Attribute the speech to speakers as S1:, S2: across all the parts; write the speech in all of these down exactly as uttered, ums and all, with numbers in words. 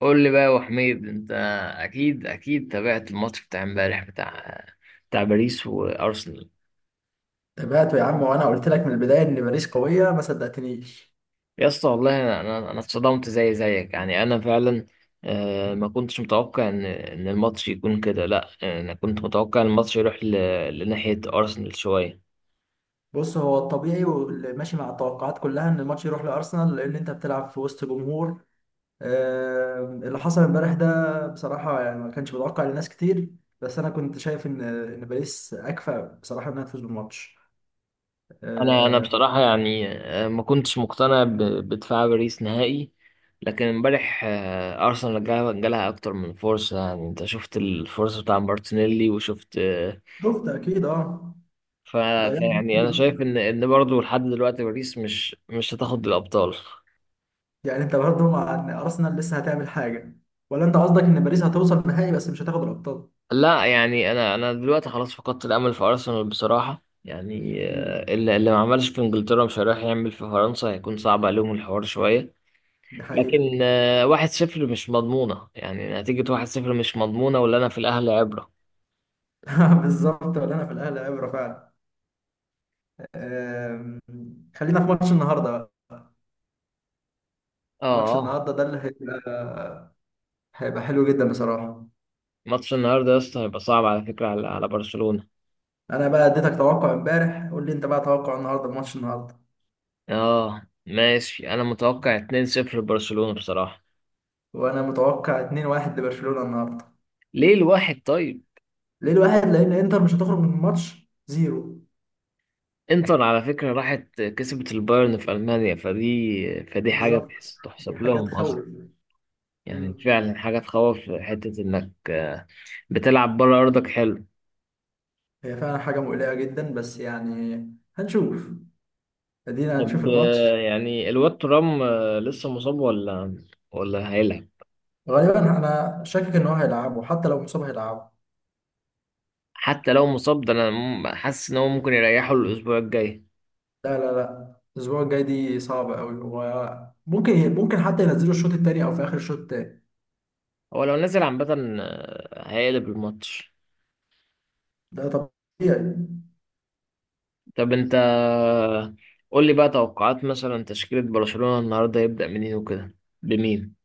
S1: قول لي بقى يا أبو حميد انت اكيد اكيد تابعت الماتش بتاع امبارح بتاع بتاع باريس وارسنال.
S2: تابعته يا عم وانا قلت لك من البدايه ان باريس قويه ما صدقتنيش.
S1: يا اسطى والله انا انا أنا اتصدمت زي زيك، يعني انا فعلا، آه، ما كنتش متوقع ان ان الماتش يكون كده. لا انا كنت متوقع إن الماتش يروح ل- لناحية ارسنال شوية.
S2: بص، هو الطبيعي واللي ماشي مع التوقعات كلها ان الماتش يروح لارسنال لان انت بتلعب في وسط جمهور. آه، اللي حصل امبارح ده بصراحه يعني ما كانش متوقع لناس كتير. بس انا كنت شايف ان ان باريس اكفأ بصراحه انها تفوز بالماتش.
S1: انا انا
S2: آه،
S1: بصراحة يعني، آه، ما كنتش مقتنع ب- بدفاع باريس نهائي. لكن امبارح، آه، ارسنال جا- جالها اكتر من فرصة. يعني انت شفت الفرصة بتاع مارتينيلي وشفت، آه،
S2: شفت اكيد اه.
S1: ف...
S2: ضيعنا
S1: فيعني
S2: كتير.
S1: انا شايف ان ان برضه لحد دلوقتي باريس مش مش هتاخد الابطال.
S2: يعني انت برضه مع ان ارسنال لسه هتعمل حاجه، ولا انت قصدك ان باريس هتوصل نهائي بس مش هتاخد الابطال؟
S1: لا يعني انا انا دلوقتي خلاص فقدت الامل في ارسنال بصراحه، يعني
S2: مم.
S1: آه، اللي اللي ما عملش في انجلترا مش هيروح يعمل في فرنسا، هيكون صعب عليهم الحوار شويه.
S2: دي حقيقه.
S1: لكن آه، واحد صفر مش مضمونه، يعني نتيجه واحد صفر مش مضمونه، ولا انا في الاهلي عبره.
S2: بالظبط، ولا انا في الاهلي عبره فعلا. أم، خلينا في ماتش النهارده بقى. ماتش
S1: اه،
S2: النهارده ده اللي هيبقى هيبقى حلو جدا بصراحه.
S1: ماتش النهارده يا اسطى هيبقى صعب على فكره، على على برشلونه.
S2: انا بقى اديتك توقع امبارح، قول لي انت بقى توقع النهارده بماتش النهارده.
S1: اه ماشي، انا متوقع اتنين صفر لبرشلونه بصراحه.
S2: وانا متوقع اتنين واحد لبرشلونه النهارده.
S1: ليه الواحد طيب؟
S2: ليه الواحد؟ لان انتر مش هتخرج من الماتش زيرو.
S1: انتر على فكرة راحت كسبت البايرن في ألمانيا، فدي فدي حاجة
S2: بالظبط.
S1: تحس-
S2: دي
S1: تحسب
S2: حاجه
S1: لهم أصلا.
S2: تخوف.
S1: يعني
S2: مم.
S1: فعلا حاجة تخوف، حتة إنك بتلعب بره أرضك حلو.
S2: هي فعلا حاجه مقلقه جدا بس يعني هنشوف. ادينا هنشوف
S1: طب آه،
S2: الماتش.
S1: يعني الواد ترام، آه، لسه مصاب ولا ولا هيلعب؟
S2: غالبا انا شاكك ان هو هيلعبه، حتى لو مصاب هيلعبه.
S1: حتى لو مصاب، ده أنا م- حاسس إن هو ممكن يريحه الأسبوع الجاي.
S2: لا لا لا، الاسبوع الجاي دي صعبه قوي، وممكن ممكن ممكن حتى ينزلوا الشوط التاني او في اخر الشوط التاني.
S1: هو لو نزل عامة، آه، هيقلب الماتش.
S2: ده طبيعي.
S1: طب أنت قول لي بقى توقعات مثلا تشكيلة برشلونة النهاردة. يبدأ منين وكده، بمين؟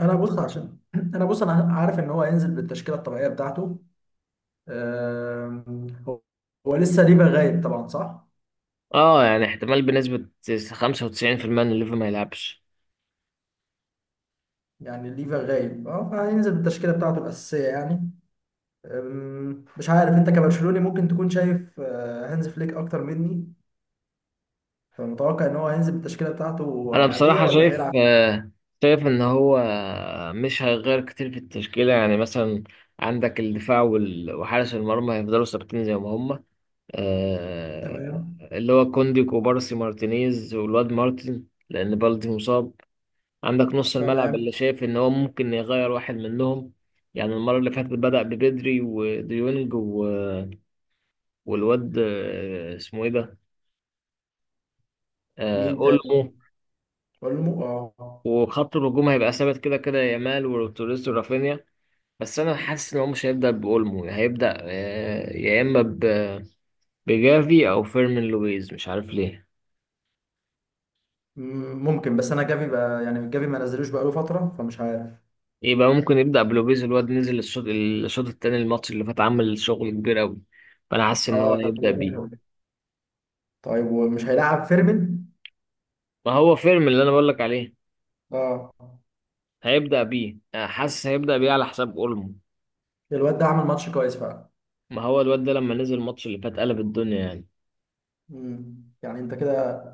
S2: انا بص عشان انا بص، انا عارف ان هو هينزل بالتشكيله الطبيعيه بتاعته. أم، هو هو لسه ليفا غايب طبعا، صح؟
S1: اه يعني احتمال بنسبة خمسة وتسعين في المية ان ليفا ما يلعبش.
S2: يعني ليفا غايب اه، فهينزل بالتشكيله بتاعته الاساسيه يعني. أم، مش عارف انت كبرشلوني ممكن تكون شايف آه، هانز فليك اكتر مني. فمتوقع ان هو هينزل بالتشكيله بتاعته
S1: انا
S2: عاديه
S1: بصراحة
S2: ولا
S1: شايف،
S2: هيلعب؟
S1: آه، شايف ان هو، آه، مش هيغير كتير في التشكيلة. يعني مثلا عندك الدفاع وال- وحارس المرمى هيفضلوا ثابتين زي ما هم، آه،
S2: تمام.
S1: اللي هو كوندي، كوبارسي، مارتينيز، والواد مارتن، لان بالدي مصاب. عندك نص الملعب، اللي
S2: تمام.
S1: شايف ان هو ممكن يغير واحد منهم. يعني المرة اللي فاتت بدأ ببدري وديونج و- والواد، آه، اسمه ايه ده، آه،
S2: مين تاني؟
S1: اولمو.
S2: بقول له مو- اه.
S1: وخط الهجوم هيبقى ثابت كده كده، يامال وتوريس ورافينيا. بس انا حاسس ان هو مش هيبدا باولمو، هيبدا آه، يا اما ب- بجافي او فيرمين لويز، مش عارف ليه.
S2: مم، ممكن، بس انا جافي بقى، يعني جافي ما نزلوش بقاله فتره فمش عارف.
S1: يبقى ممكن يبدا بلويز. الواد نزل الشوط الشوط التاني الماتش اللي فات، عمل شغل كبير قوي، فانا حاسس ان هو
S2: اه.
S1: هيبدا بيه.
S2: طيب، ومش هيلعب فيرمين؟
S1: ما هو فيرمين اللي انا بقول لك عليه،
S2: اه.
S1: هيبدا بيه، آه، حاسس هيبدا بيه على حساب اولمو.
S2: الواد ده عمل ماتش كويس فعلا.
S1: ما هو الواد ده لما نزل الماتش اللي فات قلب الدنيا يعني.
S2: مم. يعني انت كده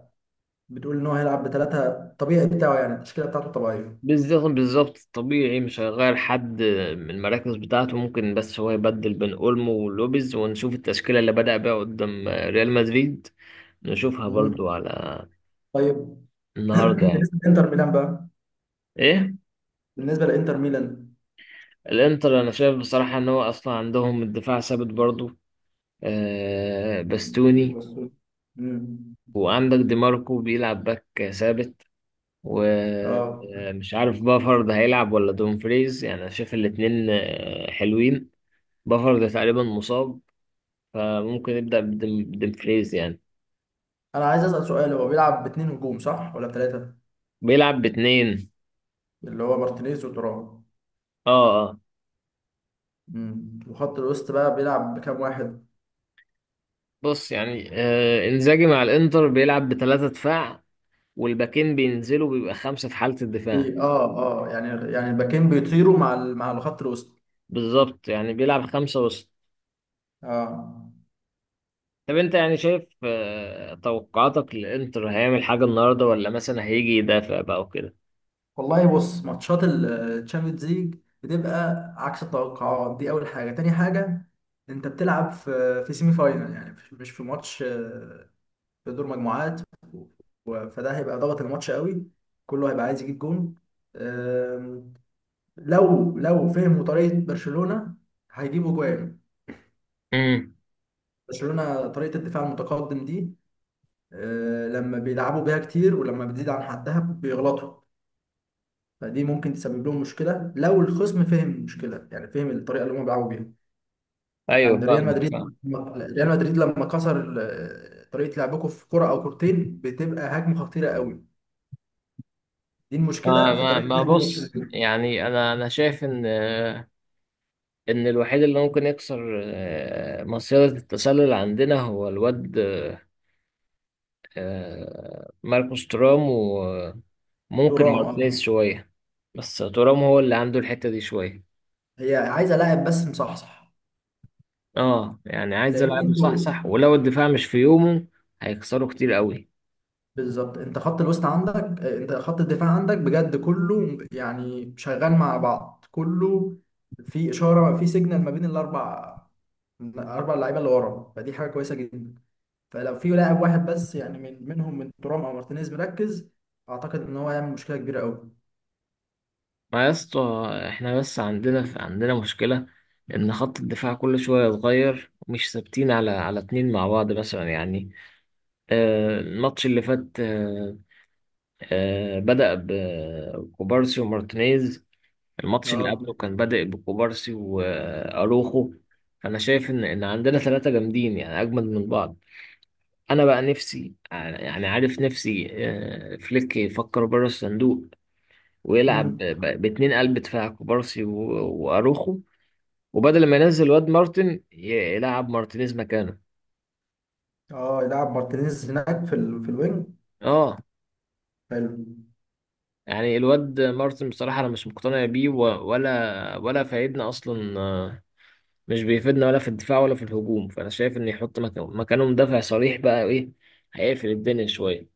S2: بتقول ان هو هيلعب بثلاثه طبيعي بتاعه، يعني التشكيله بتاعته الطبيعيه؟
S1: بالظبط، بالظبط. الطبيعي مش هيغير حد من المراكز بتاعته، ممكن بس هو يبدل بين اولمو ولوبيز، ونشوف التشكيلة اللي بدأ بيها قدام ريال مدريد، نشوفها
S2: مم.
S1: برضو على
S2: طيب.
S1: النهارده يعني.
S2: بالنسبه لانتر ميلان بقى.
S1: ايه
S2: بالنسبه لانتر ميلان.
S1: الانتر؟ انا شايف بصراحة ان هو اصلا عندهم الدفاع ثابت برضو، آه باستوني،
S2: مم.
S1: وعندك دي ماركو بيلعب باك ثابت،
S2: اه.
S1: ومش عارف بافارد هيلعب ولا دومفريز. يعني انا شايف الاتنين، آه، حلوين. بافارد تقريبا مصاب، فممكن نبدأ بديمفريز يعني.
S2: انا عايز اسال سؤال، هو بيلعب باتنين هجوم صح ولا بثلاثه؟
S1: بيلعب باتنين.
S2: اللي هو مارتينيز وترام.
S1: اه اه.
S2: مم. وخط الوسط بقى بيلعب بكام واحد؟
S1: بص يعني آه، انزاجي مع الانتر بيلعب بتلاتة دفاع، والباكين بينزلوا بيبقى خمسة في حالة الدفاع.
S2: بي... اه. اه، يعني يعني الباكين بيطيروا مع ال... مع الخط الوسط.
S1: بالظبط، يعني بيلعب خمسة وسط.
S2: اه.
S1: طب انت يعني شايف آه، توقعاتك للانتر هيعمل حاجة النهاردة، ولا مثلا هيجي يدافع بقى وكده؟
S2: والله، بص، ماتشات الشامبيونز ليج بتبقى عكس التوقعات. دي اول حاجه. تاني حاجه، انت بتلعب في في سيمي فاينال، يعني مش مش في ماتش، آه، في دور مجموعات. و- فده هيبقى ضغط الماتش قوي. كله هيبقى عايز يجيب جون. آم، لو لو فهموا طريقه برشلونه هيجيبوا جوان.
S1: امم،
S2: برشلونه طريقه الدفاع المتقدم دي، آه، لما بيلعبوا بيها كتير ولما بتزيد عن حدها بيغلطوا. فدي ممكن تسبب لهم مشكله لو الخصم فهم المشكله، يعني فهم الطريقه اللي هم بيلعبوا بيها.
S1: ايوه
S2: يعني ريال
S1: فاهمك،
S2: مدريد،
S1: فاهم.
S2: ريال مدريد لما كسر آه، طريقه لعبكم في كره او كورتين بتبقى هجمه خطيره قوي. دي
S1: ما
S2: المشكله في
S1: ما
S2: طريقه
S1: ما
S2: لعب
S1: بص
S2: برشلونه.
S1: يعني، انا انا شايف ان، آه، ان الوحيد اللي ممكن يكسر، آه، مصيدة التسلل عندنا هو الواد، آه، آه، ماركوس تورام، وممكن
S2: ترام،
S1: مارتينيز
S2: اه.
S1: شوية. بس تورام هو اللي عنده الحتة دي شوية.
S2: هي عايزه لاعب بس مصحصح.
S1: اه يعني عايز
S2: لان
S1: يلعب صح
S2: انتوا.
S1: صح، ولو الدفاع مش في يومه هيكسروا كتير قوي.
S2: بالظبط، انت خط الوسط عندك، آه، انت خط الدفاع عندك بجد كله يعني شغال مع بعض كله. في اشاره، في سيجنال، ما بين الاربع اربع لعيبه اللي ورا، فدي حاجه كويسه جدا. فلو في لاعب واحد بس، يعني من منهم، من ترام او مارتينيز، مركز، اعتقد ان هو هيعمل مشكله كبيره قوي.
S1: ما يا اسطى، احنا بس عندنا عندنا مشكلة ان خط الدفاع كل شوية يتغير، ومش ثابتين على على اتنين مع بعض مثلا يعني. آه، الماتش اللي فات، آه، آه، بدأ بكوبارسي ومارتينيز، الماتش اللي
S2: اه.
S1: قبله كان بادئ بكوبارسي وأروخو. أنا شايف إن إن عندنا ثلاثة جامدين يعني، أجمد من بعض. أنا بقى نفسي يعني، عارف نفسي، آه، فليك يفكر بره الصندوق ويلعب
S2: مم.
S1: ب- ب- باتنين قلب دفاع، كوبارسي و- وأروخو. وبدل ما ينزل واد مارتن، ي- يلعب مارتينيز مكانه.
S2: اه، يلعب مارتينيز هناك في ال... في الوينج.
S1: اه
S2: حلو.
S1: يعني الواد مارتن بصراحة أنا مش مقتنع بيه، و- ولا ولا فايدنا أصلا. آه، مش بيفيدنا ولا في الدفاع ولا في الهجوم، فانا شايف ان يحط مك- مكانه مدافع صريح بقى. ايه، هيقفل الدنيا شويه.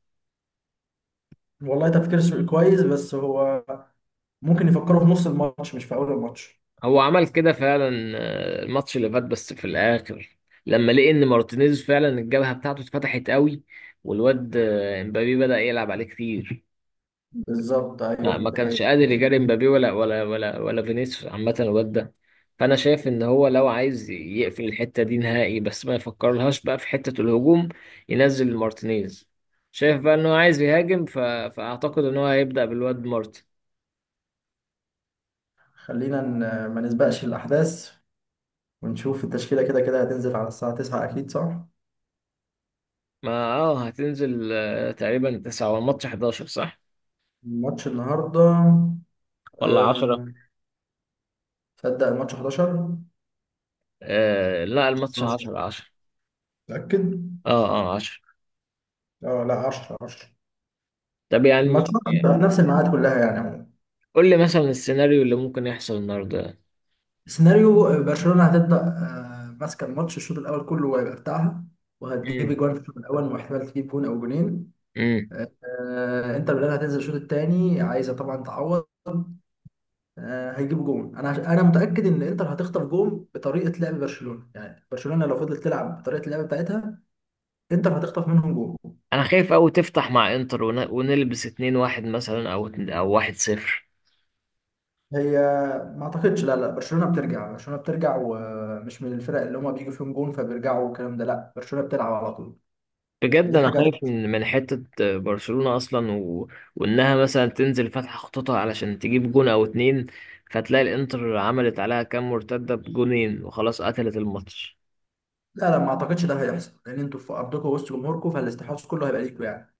S2: والله، تفكير س- كويس، بس هو ممكن يفكروا في نص الماتش مش في اول الماتش.
S1: هو عمل كده فعلا، آه، الماتش اللي فات بس في الاخر، لما لقي ان مارتينيز فعلا الجبهه بتاعته اتفتحت قوي، والواد، آه، امبابي بدأ يلعب عليه كتير.
S2: بالظبط، ايوه،
S1: ما ما
S2: دي
S1: كانش
S2: حقيقة.
S1: قادر يجاري مبابي ولا ولا ولا ولا فينيسيوس عامة الواد ده. فأنا شايف إن هو لو عايز يقفل الحتة دي نهائي، بس ما يفكرلهاش بقى في حتة الهجوم، ينزل مارتينيز. شايف بقى إن هو عايز يهاجم ف... فأعتقد إن هو هيبدأ بالواد مارتن.
S2: خلينا ن- ما نسبقش الأحداث ونشوف التشكيلة، كده كده هتنزل على الساعة تسعة، أكيد صح؟
S1: ما اه، هتنزل آه، تقريبا تسعة، والماتش حداشر صح
S2: الماتش النهاردة،
S1: ولا عشرة؟
S2: أه... تصدق الماتش حداشر؟
S1: آه لا، الماتش
S2: اتناشر،
S1: عشرة عشرة.
S2: متأكد؟
S1: اه اه، عشرة.
S2: اه، لا، عشرة، عشرة.
S1: طب
S2: الماتش
S1: يعني
S2: هتبقى في نفس الميعاد كلها يعني عموما.
S1: قول لي مثلا السيناريو اللي ممكن يحصل النهارده.
S2: سيناريو، آه، برشلونة هتبدأ آه، ماسكة الماتش، الشوط الأول كله وهيبقى بتاعها، وهتجيب جوان في الشوط الأول واحتمال تجيب جون أو جونين.
S1: امم.
S2: آه، آه، إنتر ميلان هتنزل الشوط التاني عايزة طبعا تعوض. آه، هيجيبوا جون. انا عش... انا متاكد ان انتر هتخطف جون بطريقه لعب برشلونه، يعني برشلونه لو فضلت تلعب بطريقه اللعب بتاعتها انتر هتخطف منهم جون.
S1: انا خايف اوي تفتح مع انتر ون- ونلبس اتنين واحد مثلا، او اتنين- او واحد صفر.
S2: هي، ما اعتقدش. لا لا، برشلونه بترجع، برشلونه بترجع، ومش من الفرق اللي هما بيجوا فيهم جون فبيرجعوا والكلام ده. لا برشلونه بتلعب على طول.
S1: بجد
S2: فدي
S1: انا
S2: حاجه
S1: خايف
S2: هت-
S1: من من حتة برشلونة اصلا و... وانها مثلا تنزل فاتحة خطوطها علشان تجيب جون او اتنين، فتلاقي الانتر عملت عليها كام مرتدة بجونين، وخلاص قتلت الماتش.
S2: لا لا، ما اعتقدش ده هيحصل لان انتوا في ارضكم وسط جمهوركم، فالاستحواذ كله هيبقى ليكوا يعني.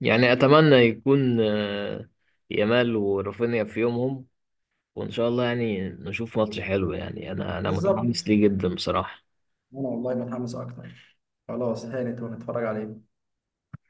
S1: يعني اتمنى يكون، آه، يامال ورافينيا في يومهم، وان شاء الله يعني نشوف ماتش حلو. يعني انا انا متحمس
S2: بالظبط.
S1: ليه جدا بصراحة.
S2: انا والله متحمس اكتر. خلاص هانت ونتفرج عليه.